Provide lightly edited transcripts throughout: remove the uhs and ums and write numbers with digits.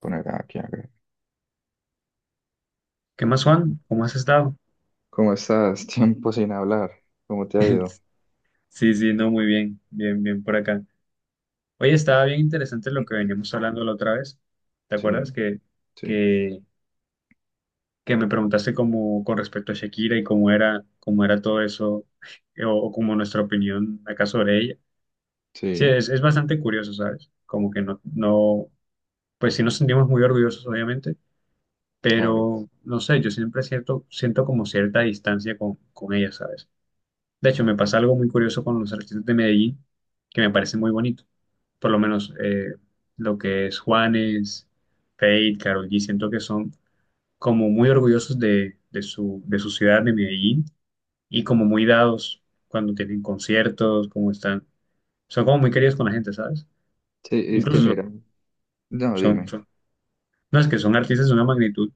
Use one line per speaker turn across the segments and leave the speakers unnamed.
Poner aquí a.
¿Qué más, Juan? ¿Cómo has estado?
¿Cómo estás? Tiempo sin hablar. ¿Cómo te ha ido?
Sí, sí, no, muy bien, bien, bien por acá. Oye, estaba bien interesante lo que veníamos hablando la otra vez. ¿Te
Sí,
acuerdas
sí,
que, que me preguntaste como con respecto a Shakira y cómo era todo eso, o como nuestra opinión acá sobre ella? Sí,
sí,
es bastante curioso, ¿sabes? Como que no, no, pues sí nos sentimos muy orgullosos, obviamente,
claro.
pero no sé, yo siempre siento, siento como cierta distancia con ella, ¿sabes? De hecho, me pasa algo muy curioso con los artistas de Medellín, que me parece muy bonito. Por lo menos lo que es Juanes, Feid, Karol G, siento que son como muy orgullosos de su ciudad, de Medellín, y como muy dados cuando tienen conciertos, como están. Son como muy queridos con la gente, ¿sabes?
Sí, es que
Incluso
mira, no,
son,
dime.
son- no es que son artistas de una magnitud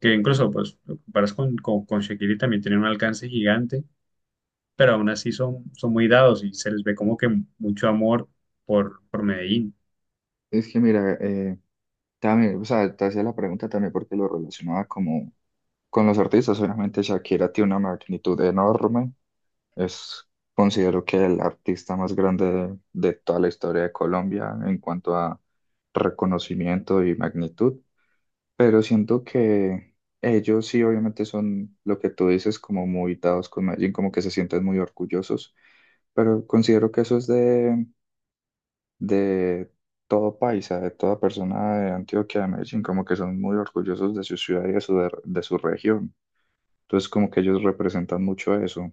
que incluso, pues, lo comparas con Shakira y también tienen un alcance gigante, pero aún así son muy dados y se les ve como que mucho amor por Medellín.
Es que mira, también, o sea, te hacía la pregunta también porque lo relacionaba como con los artistas. Obviamente Shakira tiene una magnitud enorme. Es, Considero que el artista más grande de toda la historia de Colombia en cuanto a reconocimiento y magnitud. Pero siento que ellos sí, obviamente son lo que tú dices, como muy dados con Medellín, como que se sienten muy orgullosos, pero considero que eso es de todo paisa, de toda persona de Antioquia, de Medellín, como que son muy orgullosos de su ciudad y de su región. Entonces, como que ellos representan mucho eso.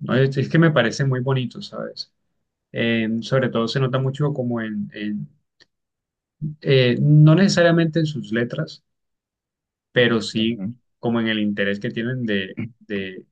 No, es que me parece muy bonito, ¿sabes? Sobre todo se nota mucho como en no necesariamente en sus letras, pero sí
Ujú.
como en el interés que tienen de, de,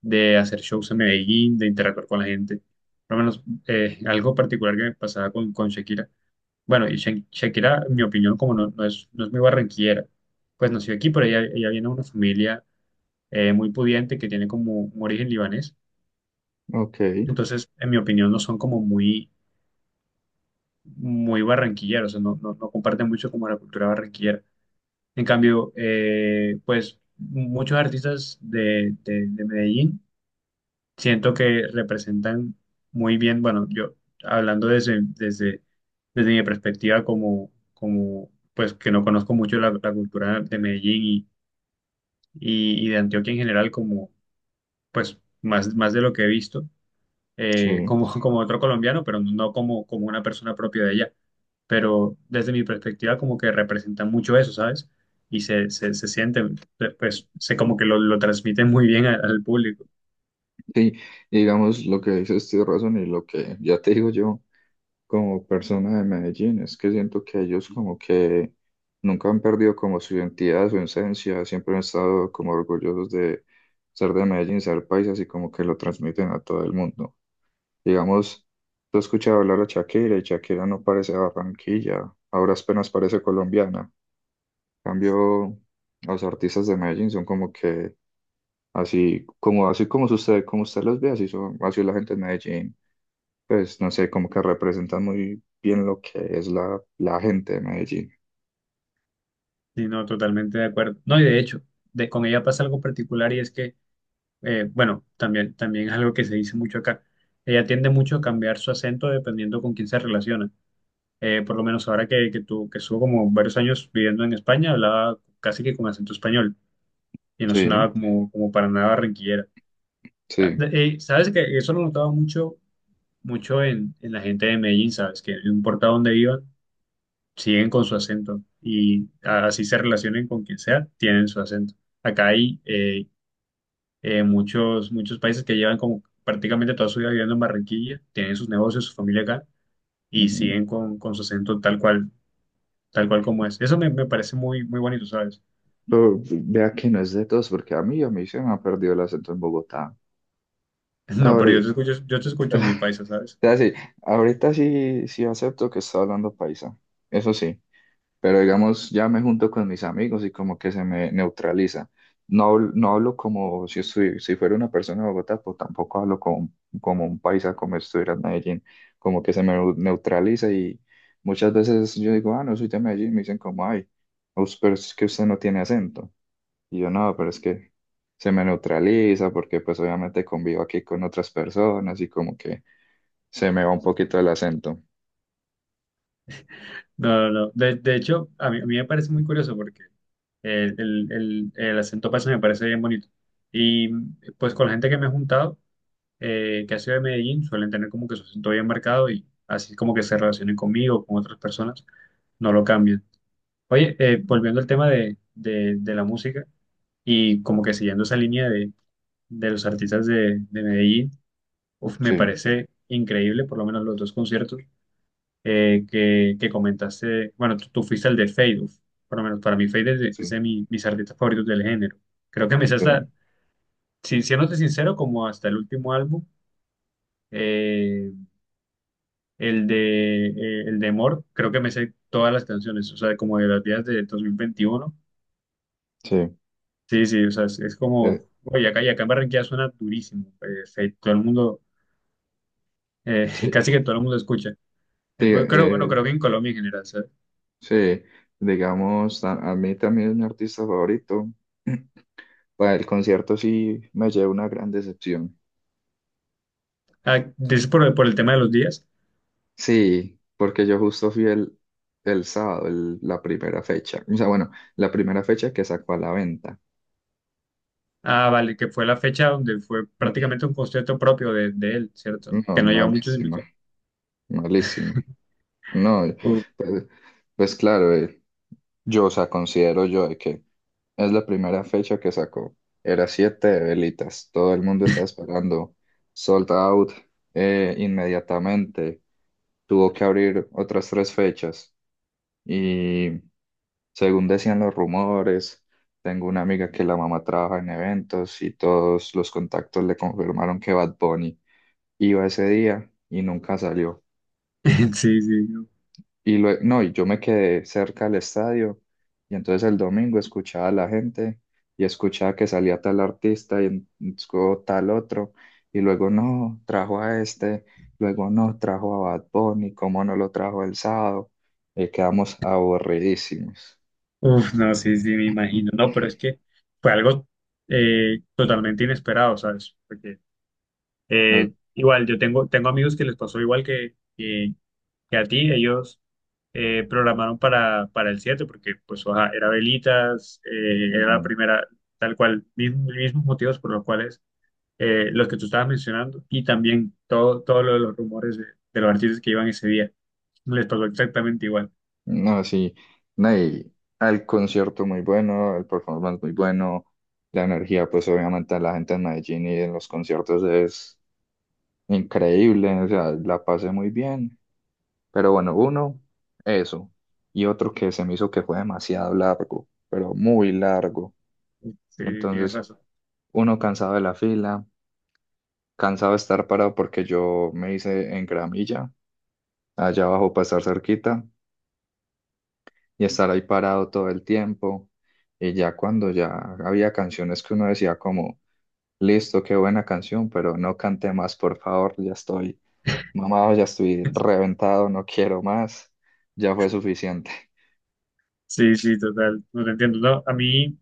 de hacer shows en Medellín, de interactuar con la gente. Por lo menos algo particular que me pasaba con Shakira. Bueno, y Shakira, en mi opinión, como no, no es, no es muy barranquillera, pues nació aquí, pero ella viene de una familia muy pudiente que tiene como un origen libanés.
Ok,
Entonces, en mi opinión, no son como muy, muy barranquilleros, o sea, no, no, no comparten mucho como la cultura barranquillera. En cambio, pues muchos artistas de Medellín siento que representan muy bien, bueno, yo hablando desde mi perspectiva como, como, pues que no conozco mucho la cultura de Medellín y de Antioquia en general, como, pues, más, más de lo que he visto
sí.
como, como otro colombiano, pero no como, como una persona propia de allá. Pero desde mi perspectiva, como que representa mucho eso, ¿sabes? Y se siente, pues, se como que lo transmite muy bien al público.
Sí, y digamos lo que dices, tienes razón, y lo que ya te digo yo. Como persona de Medellín, es que siento que ellos como que nunca han perdido como su identidad, su esencia, siempre han estado como orgullosos de ser de Medellín, ser paisas y como que lo transmiten a todo el mundo. Digamos, tú has escuchado hablar a Shakira y Shakira no parece de Barranquilla, ahora apenas parece colombiana. En cambio, los artistas de Medellín son como que así como usted los ve, así son, así es la gente de Medellín, pues no sé, como que representan muy bien lo que es la, la gente de Medellín.
Y no, totalmente de acuerdo. No, y de hecho, de, con ella pasa algo particular y es que, bueno, también, también es algo que se dice mucho acá. Ella tiende mucho a cambiar su acento dependiendo con quién se relaciona. Por lo menos ahora que estuvo como varios años viviendo en España, hablaba casi que con acento español y no
Sí,
sonaba como, como para nada barranquillera. Ah,
sí.
de- sabes que eso lo notaba mucho, mucho en la gente de Medellín, sabes que no importa dónde vivan, siguen con su acento y así se relacionen con quien sea, tienen su acento. Acá hay muchos países que llevan como prácticamente toda su vida viviendo en Barranquilla, tienen sus negocios, su familia acá y
Ujú.
siguen con su acento tal cual como es. Eso me, me parece muy, muy bonito, ¿sabes?
Pero vea que no es de todos, porque a mí se me ha perdido el acento en Bogotá.
No, pero
Ahorita,
yo te escucho
o
muy paisa, ¿sabes?
sea, sí, ahorita sí, acepto que está hablando paisa. Eso sí. Pero digamos, ya me junto con mis amigos y como que se me neutraliza. No, no hablo como si, si fuera una persona de Bogotá, pues tampoco hablo como un paisa, como si estuviera en Medellín, como que se me neutraliza y muchas veces yo digo, ah, no soy de Medellín, me dicen como, ay, pero es que usted no tiene acento. Y yo no, pero es que se me neutraliza porque pues obviamente convivo aquí con otras personas y como que se me va un poquito el acento.
No, no, no. De hecho, a mí me parece muy curioso porque el acento paisa me parece bien bonito. Y pues con la gente que me he juntado, que ha sido de Medellín, suelen tener como que su acento bien marcado y así como que se relacionen conmigo, con otras personas, no lo cambian. Oye,
Ujú.
volviendo al tema de la música y como que siguiendo esa línea de los artistas de Medellín, uf, me
Sí,
parece increíble, por lo menos los dos conciertos que comentaste, bueno, tú fuiste el de Fade, uf, por lo menos para mí Fade es
sí,
de mis artistas favoritos del género. Creo que me sé
sí,
hasta, si, siéndote sincero, como hasta el último álbum, eh, el de Mort, creo que me sé todas las canciones, o sea, como de las días de 2021.
sí.
Sí, sí, o sea, es como,
eh,
oye, acá, y acá en Barranquilla suena durísimo, Fade, todo el mundo,
sí.
casi que todo el mundo escucha.
Sí,
Pues, creo, bueno, creo que en Colombia en general, ¿sabes?
sí, digamos, a mí también es mi artista favorito. Para el concierto sí me llevé una gran decepción.
Ah, dices por el tema de los días.
Sí, porque yo justo fui el sábado, la primera fecha. O sea, bueno, la primera fecha que sacó a la venta.
Ah, vale, que fue la fecha donde fue prácticamente un concierto propio de él, ¿cierto?
No,
Que no lleva muchos invitados.
malísima, malísima. No,
Uf,
pues, pues claro, yo, o sea, considero yo de que es la primera fecha que sacó. Era siete de velitas. Todo el mundo estaba esperando. Sold out inmediatamente. Tuvo que abrir otras tres fechas. Y según decían los rumores, tengo una amiga que la mamá trabaja en eventos y todos los contactos le confirmaron que Bad Bunny iba ese día y nunca salió.
sí, sí. No.
No, y yo me quedé cerca del estadio y entonces el domingo escuchaba a la gente y escuchaba que salía tal artista y luego tal otro y luego no, trajo a este, luego no, trajo a Bad Bunny, cómo no lo trajo el sábado. Quedamos aburridísimos.
Uf, no, sí, sí, me imagino. No, pero es que fue algo totalmente inesperado, ¿sabes? Porque
No,
igual, yo tengo, tengo amigos que les pasó igual que a ti. Ellos programaron para el 7 porque pues ajá, era velitas, era la
mm,
primera, tal cual, mismos, mismos motivos por los cuales los que tú estabas mencionando, y también todo, todo lo de los rumores de los artistas que iban ese día. Les pasó exactamente igual.
no, sí, no, y el concierto muy bueno, el performance muy bueno, la energía pues obviamente de la gente en Medellín y en los conciertos es increíble, o sea, la pasé muy bien, pero bueno, uno, eso, y otro que se me hizo que fue demasiado largo, pero muy largo.
Sí, sí, tienes
Entonces,
razón.
uno cansado de la fila, cansado de estar parado porque yo me hice en gramilla, allá abajo para estar cerquita, y estar ahí parado todo el tiempo. Y ya cuando ya había canciones que uno decía como, listo, qué buena canción, pero no cante más, por favor, ya estoy. Mamá, ya estoy reventado, no quiero más, ya fue suficiente.
Sí, sí, total. No te entiendo. No, a mí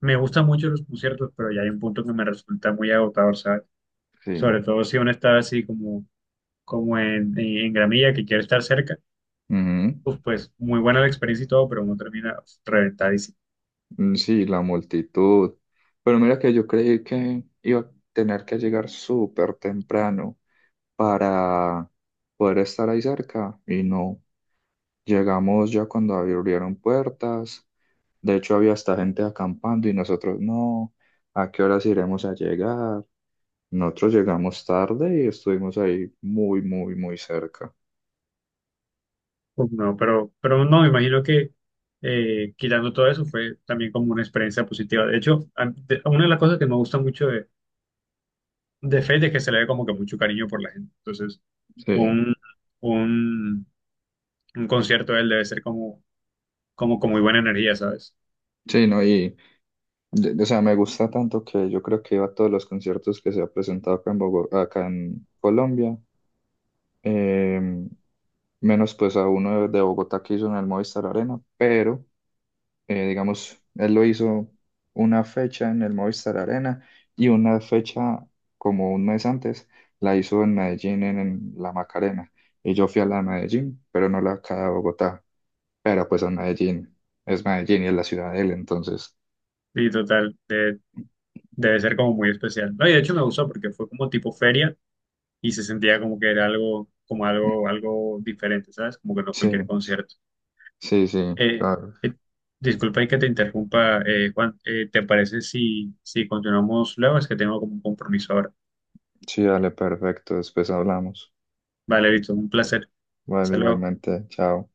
me gustan mucho los conciertos, pero ya hay un punto que me resulta muy agotador, ¿sabes? Sobre
Sí,
todo si uno está así como, como en gramilla, que quiere estar cerca,
ujú,
pues, pues muy buena la experiencia y todo, pero uno termina reventado.
mm, sí, la multitud. Pero mira que yo creí que iba a tener que llegar súper temprano para poder estar ahí cerca y no. Llegamos ya cuando abrieron puertas. De hecho, había hasta gente acampando y nosotros no. ¿A qué horas iremos a llegar? Nosotros llegamos tarde y estuvimos ahí muy, muy, muy cerca.
Pues no, pero no, me imagino que quitando todo eso fue también como una experiencia positiva. De hecho, una de las cosas que me gusta mucho de Fate es que se le ve como que mucho cariño por la gente. Entonces,
Sí,
un, un, un concierto de él debe ser como, como con muy buena energía, ¿sabes?
sí, no, y o sea, me gusta tanto que yo creo que iba a todos los conciertos que se ha presentado acá en Bogotá, acá en Colombia, eh, menos pues a uno de Bogotá que hizo en el Movistar Arena, pero digamos, él lo hizo una fecha en el Movistar Arena y una fecha como un mes antes la hizo en Medellín en la Macarena. Y yo fui a la de Medellín, pero no la acá de Bogotá, pero pues a Medellín, es Medellín y es la ciudad de él, entonces,
Y total, debe ser como muy especial. No, y de hecho me gustó porque fue como tipo feria y se sentía como que era algo, como algo, algo diferente, ¿sabes? Como que no cualquier
sí,
concierto.
sí, sí.
Eh,
Claro.
eh, Disculpa y que te interrumpa, Juan. ¿Te parece si continuamos luego? Es que tengo como un compromiso ahora.
Sí, dale, perfecto. Después hablamos.
Vale, listo, un placer.
Vale,
Hasta luego.
igualmente. Chao.